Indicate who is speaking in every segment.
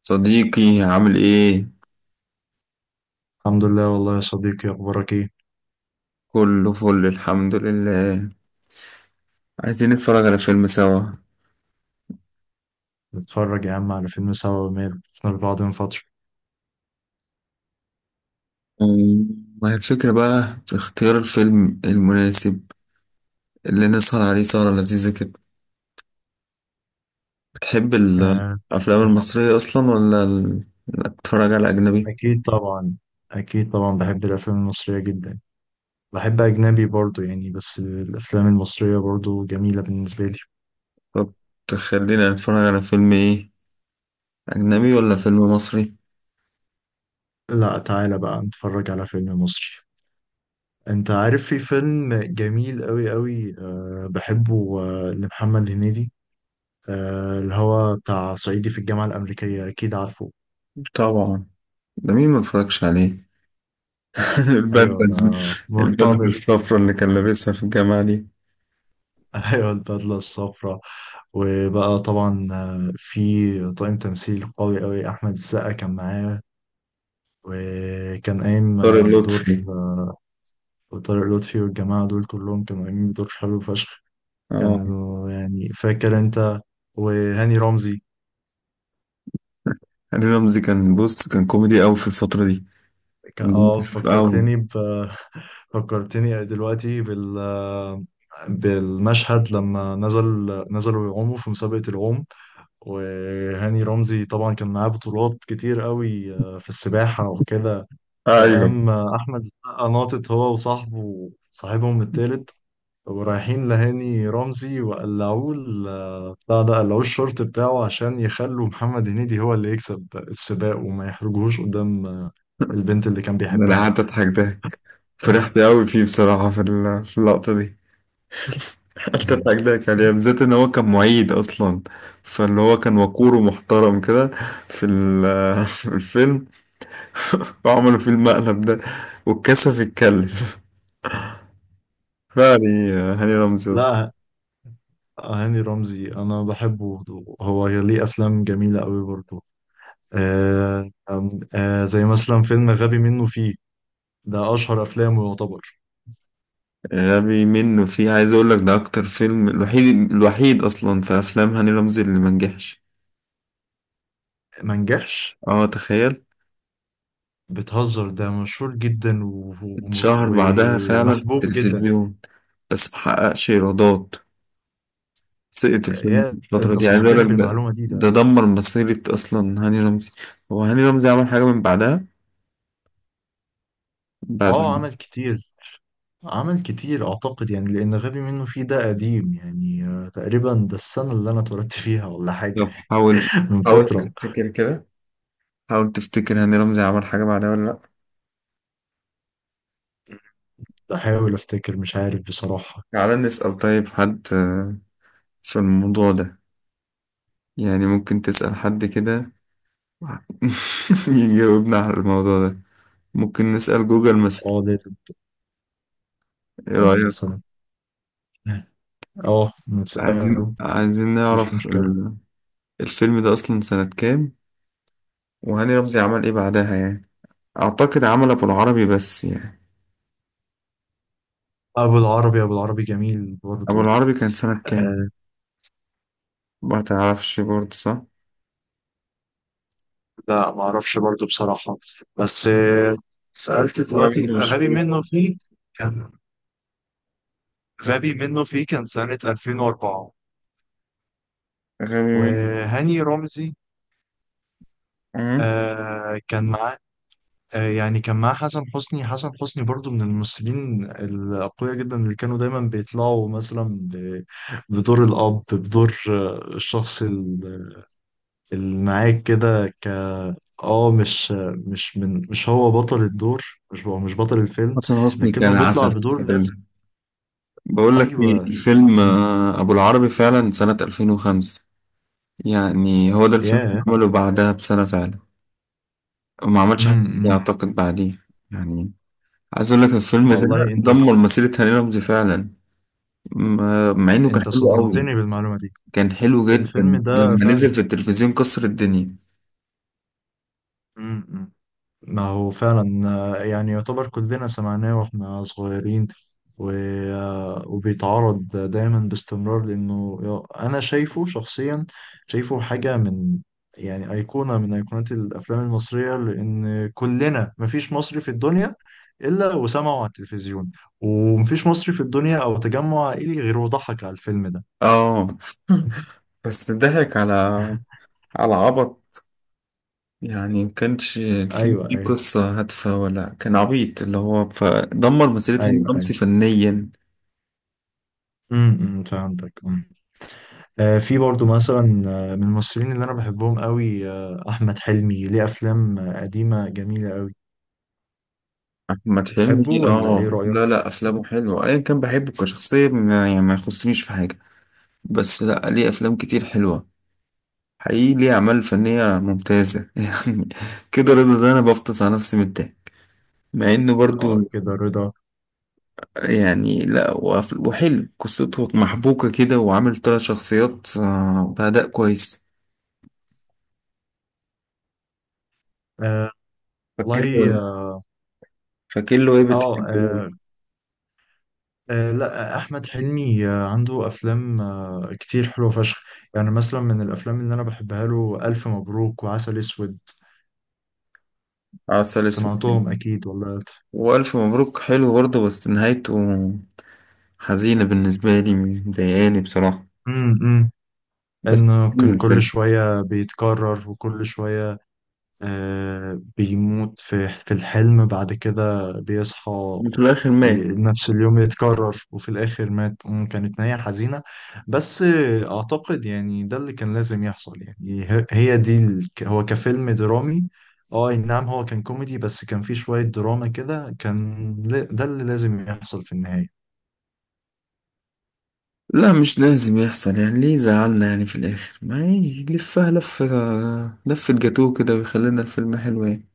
Speaker 1: صديقي عامل ايه؟
Speaker 2: الحمد لله والله يا صديقي، أخبارك إيه؟
Speaker 1: كله فل الحمد لله. عايزين نتفرج على فيلم سوا.
Speaker 2: نتفرج يا عم على فيلم سوا، ومال شفنا لبعض من فترة.
Speaker 1: أمم، ما هي الفكرة بقى في اختيار الفيلم المناسب اللي نسهر عليه سهرة لذيذة كده. بتحب
Speaker 2: آه،
Speaker 1: الأفلام المصرية أصلا، ولا لا، بتتفرج على أجنبي؟
Speaker 2: أكيد طبعا. أكيد طبعا، بحب الأفلام المصرية جدا. بحب أجنبي برضو يعني، بس الأفلام المصرية برضو جميلة بالنسبة لي.
Speaker 1: طب تخلينا نتفرج على فيلم ايه؟ أجنبي ولا فيلم مصري؟
Speaker 2: لا، تعالى بقى نتفرج على فيلم مصري. أنت عارف في فيلم جميل أوي أوي، بحبه، لمحمد هنيدي. اللي هو بتاع صعيدي في الجامعة الأمريكية، أكيد عارفه.
Speaker 1: طبعا، ده مين ما اتفرجش عليه؟
Speaker 2: أيوه، ده
Speaker 1: البدلة. البدلة
Speaker 2: مرتبط.
Speaker 1: الصفرا اللي كان لابسها في الجامعة دي.
Speaker 2: أيوه، البدلة الصفراء. وبقى طبعا، في طاقم تمثيل قوي قوي، احمد السقا كان معاه. وكان قايم
Speaker 1: طارق
Speaker 2: بدور
Speaker 1: لطفي.
Speaker 2: طارق لطفي، والجماعه دول كلهم كانوا قايمين بدور حلو فشخ.
Speaker 1: اه.
Speaker 2: كانوا يعني، فاكر انت؟ وهاني رمزي.
Speaker 1: هاني رمزي كان بص كان كوميدي قوي في الفترة دي،
Speaker 2: كان
Speaker 1: كان مخفف قوي.
Speaker 2: فكرتني ب... فكرتني دلوقتي بالمشهد لما نزل. نزلوا يعوموا في مسابقة العوم، وهاني رمزي طبعا كان معاه بطولات كتير قوي في السباحة وكده.
Speaker 1: ايوه
Speaker 2: فقام أحمد السقا ناطط هو وصاحبه صاحبهم التالت، ورايحين لهاني رمزي وقلعوه ال- آه، بتاع ده قلعوه الشورت بتاعه عشان يخلوا محمد هنيدي هو اللي يكسب السباق وما يحرجوهوش قدام البنت اللي كان
Speaker 1: ده. انا
Speaker 2: بيحبها.
Speaker 1: قعدت اضحك ضحك، فرحت قوي فيه بصراحة في في اللقطة دي. قعدت اضحك ضحك عليه بالذات ان هو كان معيد اصلا، فاللي هو كان وقور ومحترم كده في في الفيلم، وعملوا فيه المقلب ده واتكسف يتكلم. فعلا هاني رمزي اصلا.
Speaker 2: لا، هاني رمزي أنا بحبه. هو ليه أفلام جميلة قوي برضه. زي مثلا فيلم غبي منه فيه. ده أشهر أفلامه يعتبر.
Speaker 1: غبي منه فيه، عايز اقول لك ده اكتر فيلم، الوحيد الوحيد اصلا في افلام هاني رمزي اللي منجحش.
Speaker 2: ما نجحش؟
Speaker 1: اه تخيل.
Speaker 2: بتهزر، ده مشهور جدا
Speaker 1: شهر بعدها فعلا في
Speaker 2: ومحبوب جدا.
Speaker 1: التلفزيون، بس محققش ايرادات. سقط الفيلم
Speaker 2: يا
Speaker 1: الفترة
Speaker 2: أنت
Speaker 1: دي. عايز اقول
Speaker 2: صدمتني
Speaker 1: لك، ده
Speaker 2: بالمعلومة دي، ده
Speaker 1: دمر مسيرة اصلا هاني رمزي. هو هاني رمزي عمل حاجة من بعدها، بعد؟
Speaker 2: عمل كتير. عمل كتير أعتقد، يعني لأن غبي منه فيه ده قديم يعني، تقريبا ده السنة اللي أنا اتولدت فيها ولا حاجة.
Speaker 1: لو حاول،
Speaker 2: من
Speaker 1: حاول
Speaker 2: فترة.
Speaker 1: تفتكر كده، حاول تفتكر هاني رمزي عمل حاجة بعدها ولا لأ.
Speaker 2: بحاول أفتكر، مش عارف بصراحة.
Speaker 1: تعالى نسأل طيب حد في الموضوع ده. يعني ممكن تسأل حد كده يجاوبنا على الموضوع ده. ممكن نسأل جوجل مثلا،
Speaker 2: آه، لازم.
Speaker 1: ايه
Speaker 2: آه،
Speaker 1: رأيك؟
Speaker 2: مثلا. آه. آه،
Speaker 1: عايزين
Speaker 2: نسأله.
Speaker 1: عايزين
Speaker 2: مفيش
Speaker 1: نعرف
Speaker 2: مشكلة.
Speaker 1: الفيلم ده أصلا سنة كام، وهاني رمزي عمل إيه بعدها يعني. أعتقد عمل أبو العربي بس يعني.
Speaker 2: ابو العربي، ابو العربي جميل
Speaker 1: أبو
Speaker 2: برضه.
Speaker 1: العربي كان سنة كام؟
Speaker 2: آه
Speaker 1: ما تعرفش برضه صح؟
Speaker 2: لا، ما اعرفش برضه بصراحه. بس، سالت
Speaker 1: ولا
Speaker 2: دلوقتي
Speaker 1: برضه مش فاكر.
Speaker 2: كان غبي منه فيه كان سنه 2004.
Speaker 1: غبي منه.
Speaker 2: وهاني رمزي
Speaker 1: أه.
Speaker 2: آه كان معاه كان معاه حسن حسني برضه من الممثلين الاقوياء جدا اللي كانوا دايما بيطلعوا مثلا بدور الاب، بدور الشخص اللي معاك كده، ك اه مش مش من مش هو بطل الدور. مش بطل الفيلم،
Speaker 1: حسن حسني كان
Speaker 2: لكنه بيطلع
Speaker 1: عسل في
Speaker 2: بدور
Speaker 1: الفيلم
Speaker 2: لازم.
Speaker 1: ده. بقول لك إيه،
Speaker 2: ايوه
Speaker 1: الفيلم
Speaker 2: كان.
Speaker 1: أبو العربي فعلا سنة 2005. يعني هو ده الفيلم اللي
Speaker 2: ياه.
Speaker 1: عمله بعدها بسنة فعلا. وما عملش حاجة تانية
Speaker 2: إمم.
Speaker 1: أعتقد بعديه يعني. عايز أقول لك، الفيلم ده
Speaker 2: والله انت.
Speaker 1: دمر مسيرة هاني رمزي فعلا. مع إنه كان
Speaker 2: انت
Speaker 1: حلو قوي.
Speaker 2: صدمتني بالمعلومه دي.
Speaker 1: كان حلو
Speaker 2: الفيلم
Speaker 1: جدا
Speaker 2: ده
Speaker 1: لما نزل
Speaker 2: فعلا.
Speaker 1: في التلفزيون، كسر الدنيا.
Speaker 2: إمم. ما هو فعلا، يعني يعتبر كلنا سمعناه واحنا صغيرين، و... آه، وبيتعرض دايما باستمرار لانه انا شايفه شخصيا. شايفه حاجة من، يعني أيقونة من أيقونات الأفلام المصرية، لأن كلنا مفيش مصري في الدنيا إلا وسمعه على التلفزيون. ومفيش مصري في الدنيا أو تجمع عائلي غير وضحك على الفيلم ده.
Speaker 1: اه. بس ضحك على عبط. يعني ما كانش الفيلم
Speaker 2: أيوه
Speaker 1: ليه
Speaker 2: أيوه،
Speaker 1: قصة هادفة، ولا كان عبيط اللي هو فدمر مسيرة هاني
Speaker 2: أيوه أيوه.
Speaker 1: رمزي فنيا.
Speaker 2: أمم، أمم، فهمتك. في برضو مثلا، من الممثلين اللي انا بحبهم قوي، احمد حلمي ليه افلام قديمه جميله قوي.
Speaker 1: أحمد
Speaker 2: بتحبه
Speaker 1: حلمي،
Speaker 2: ولا ايه
Speaker 1: اه، لا
Speaker 2: رايك؟
Speaker 1: لا، أفلامه حلوة، أيا كان بحبه كشخصية يعني ما يخصنيش في حاجة. بس لا، ليه أفلام كتير حلوة، حقيقي ليه أعمال فنية ممتازة يعني. كده رضا، ده أنا بفطس على نفسي من الضحك مع إنه برضو
Speaker 2: اه، كده رضا.
Speaker 1: يعني. لا وحلو، قصته محبوكة كده، وعامل تلات شخصيات بأداء كويس.
Speaker 2: آه،
Speaker 1: فاكر له
Speaker 2: والله
Speaker 1: ايه؟
Speaker 2: اه.
Speaker 1: فاكر له ايه
Speaker 2: آه،
Speaker 1: بتحبه
Speaker 2: آه، لا، آه، احمد حلمي عنده افلام كتير حلوه فشخ. يعني مثلا من الافلام اللي انا بحبها له، الف مبروك وعسل اسود.
Speaker 1: عسل اسود حلو.
Speaker 2: سمعتهم اكيد ولا؟
Speaker 1: وألف مبروك حلو برضه بس نهايته حزينة بالنسبة لي مضايقاني بصراحة
Speaker 2: امم.
Speaker 1: بس
Speaker 2: انه
Speaker 1: حلو
Speaker 2: كان كل
Speaker 1: الفيلم
Speaker 2: شويه بيتكرر، وكل شويه بيموت في الحلم، بعد كده بيصحى.
Speaker 1: في الآخر مات
Speaker 2: نفس اليوم يتكرر وفي الآخر مات. كانت نهاية حزينة. بس أعتقد يعني ده اللي كان لازم يحصل. يعني ه- هي دي ال- ك- هو كفيلم درامي. اه، أي نعم، هو كان كوميدي بس كان فيه شوية دراما كده، كان ده اللي لازم يحصل في النهاية.
Speaker 1: لا مش لازم يحصل يعني ليه زعلنا يعني في الآخر ما يلفها لفة آه، لفة جاتوه كده ويخلينا الفيلم حلو يعني.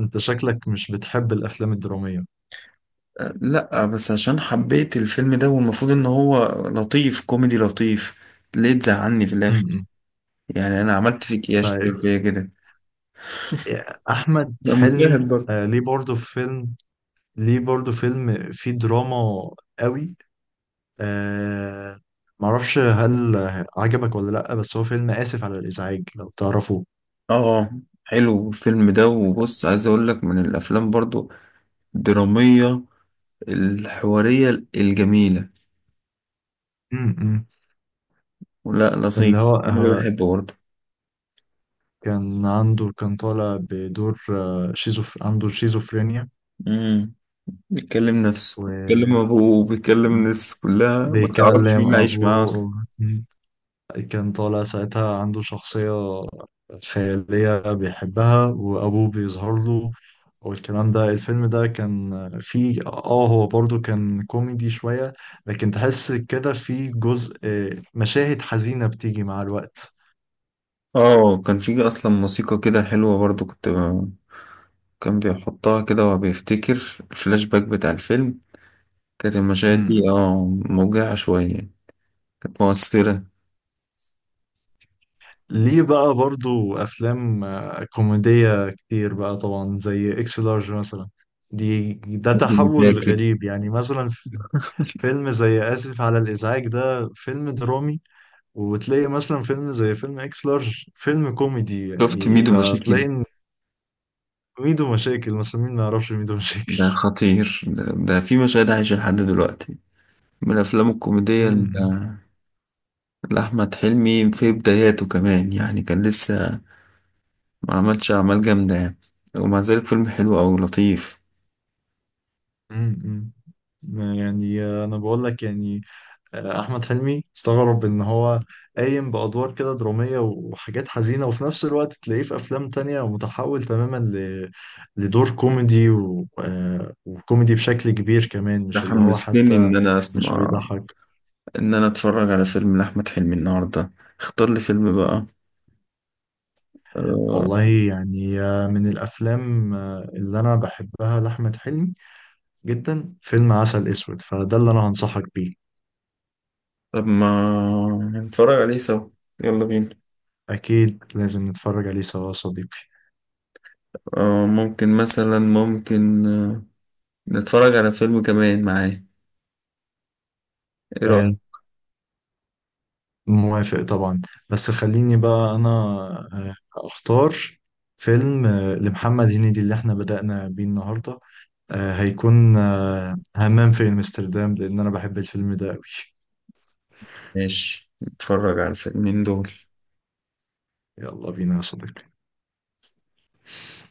Speaker 2: انت شكلك مش بتحب الأفلام الدرامية؟
Speaker 1: لا بس عشان حبيت الفيلم ده، والمفروض ان هو لطيف، كوميدي لطيف، ليه تزعلني في
Speaker 2: م-
Speaker 1: الاخر؟
Speaker 2: م.
Speaker 1: يعني انا عملت فيك ايه عشان
Speaker 2: طيب.
Speaker 1: تعمل فيا كده؟
Speaker 2: أحمد
Speaker 1: ده
Speaker 2: حلمي
Speaker 1: مشاهد برضه.
Speaker 2: ليه برضه فيلم، ليه برضو فيلم فيه دراما قوي. آه، معرفش هل عجبك ولا لأ، بس هو فيلم آسف على الإزعاج، لو تعرفه.
Speaker 1: اه. حلو الفيلم ده. وبص، عايز اقول لك، من الافلام برضو الدرامية الحوارية الجميلة.
Speaker 2: م-م.
Speaker 1: لا
Speaker 2: اللي
Speaker 1: لطيف،
Speaker 2: هو
Speaker 1: انا
Speaker 2: هو
Speaker 1: بحبه برضو.
Speaker 2: كان طالع بدور عنده شيزوفرينيا،
Speaker 1: امم بيتكلم نفسه، بيتكلم ابوه، بيتكلم
Speaker 2: وبيكلم
Speaker 1: الناس كلها، ما تعرفش مين اللي عايش معاه اصلا.
Speaker 2: أبوه. م. كان طالع ساعتها عنده شخصية خيالية بيحبها، وأبوه بيظهر له والكلام ده. الفيلم ده كان فيه، هو برضو كان كوميدي شوية، لكن تحس كده فيه جزء، مشاهد حزينة بتيجي مع الوقت.
Speaker 1: اه، كان في اصلا موسيقى كده حلوة برضو، كان بيحطها كده وهو بيفتكر، الفلاش باك بتاع الفيلم. كانت المشاهد دي،
Speaker 2: امم.
Speaker 1: اه، موجعة شوية، كانت مؤثرة.
Speaker 2: ليه بقى برضو أفلام كوميدية كتير بقى طبعا زي إكس لارج مثلا. دي ده
Speaker 1: ميدو
Speaker 2: تحول
Speaker 1: مشاكل.
Speaker 2: غريب يعني، مثلا فيلم زي آسف على الإزعاج ده فيلم درامي، وتلاقي مثلا فيلم زي فيلم إكس لارج فيلم كوميدي،
Speaker 1: شفت
Speaker 2: يعني
Speaker 1: ميدو مشاكل؟
Speaker 2: فتلاقي. ميدو مشاكل مثلا، مين ما يعرفش ميدو
Speaker 1: ده
Speaker 2: مشاكل؟
Speaker 1: خطير ده، في مشاهد عايشة لحد دلوقتي. من الأفلام الكوميدية
Speaker 2: امم
Speaker 1: لأحمد حلمي في بداياته كمان يعني، كان لسه ما عملش أعمال جامدة يعني، ومع ذلك فيلم حلو أوي لطيف.
Speaker 2: امم. ما يعني انا بقول لك يعني، احمد حلمي استغرب ان هو قايم بادوار كده دراميه وحاجات حزينه، وفي نفس الوقت تلاقيه في افلام تانية متحول تماما لدور كوميدي، و... آه، وكوميدي بشكل كبير كمان،
Speaker 1: ده
Speaker 2: مش اللي هو
Speaker 1: حمستني
Speaker 2: حتى
Speaker 1: إن أنا
Speaker 2: مش
Speaker 1: أسمع،
Speaker 2: بيضحك.
Speaker 1: إن أنا أتفرج على فيلم لأحمد حلمي النهاردة. اختار لي فيلم بقى آه،
Speaker 2: والله يعني، من الافلام اللي انا بحبها لاحمد حلمي جدا فيلم عسل اسود، فده اللي انا هنصحك بيه.
Speaker 1: طب ما نتفرج عليه سوا، يلا بينا.
Speaker 2: أكيد لازم نتفرج عليه سوا يا صديقي.
Speaker 1: ممكن مثلا، ممكن نتفرج على فيلم كمان معاه، ايه
Speaker 2: آه،
Speaker 1: رأيك؟
Speaker 2: موافق طبعا. بس خليني بقى أنا آه، أختار فيلم لمحمد هنيدي اللي احنا بدأنا بيه النهاردة. هيكون همام في أمستردام، لأن أنا بحب الفيلم ده أوي.
Speaker 1: ماشي نتفرج على الفيلمين دول.
Speaker 2: يلا بينا يا صديقي.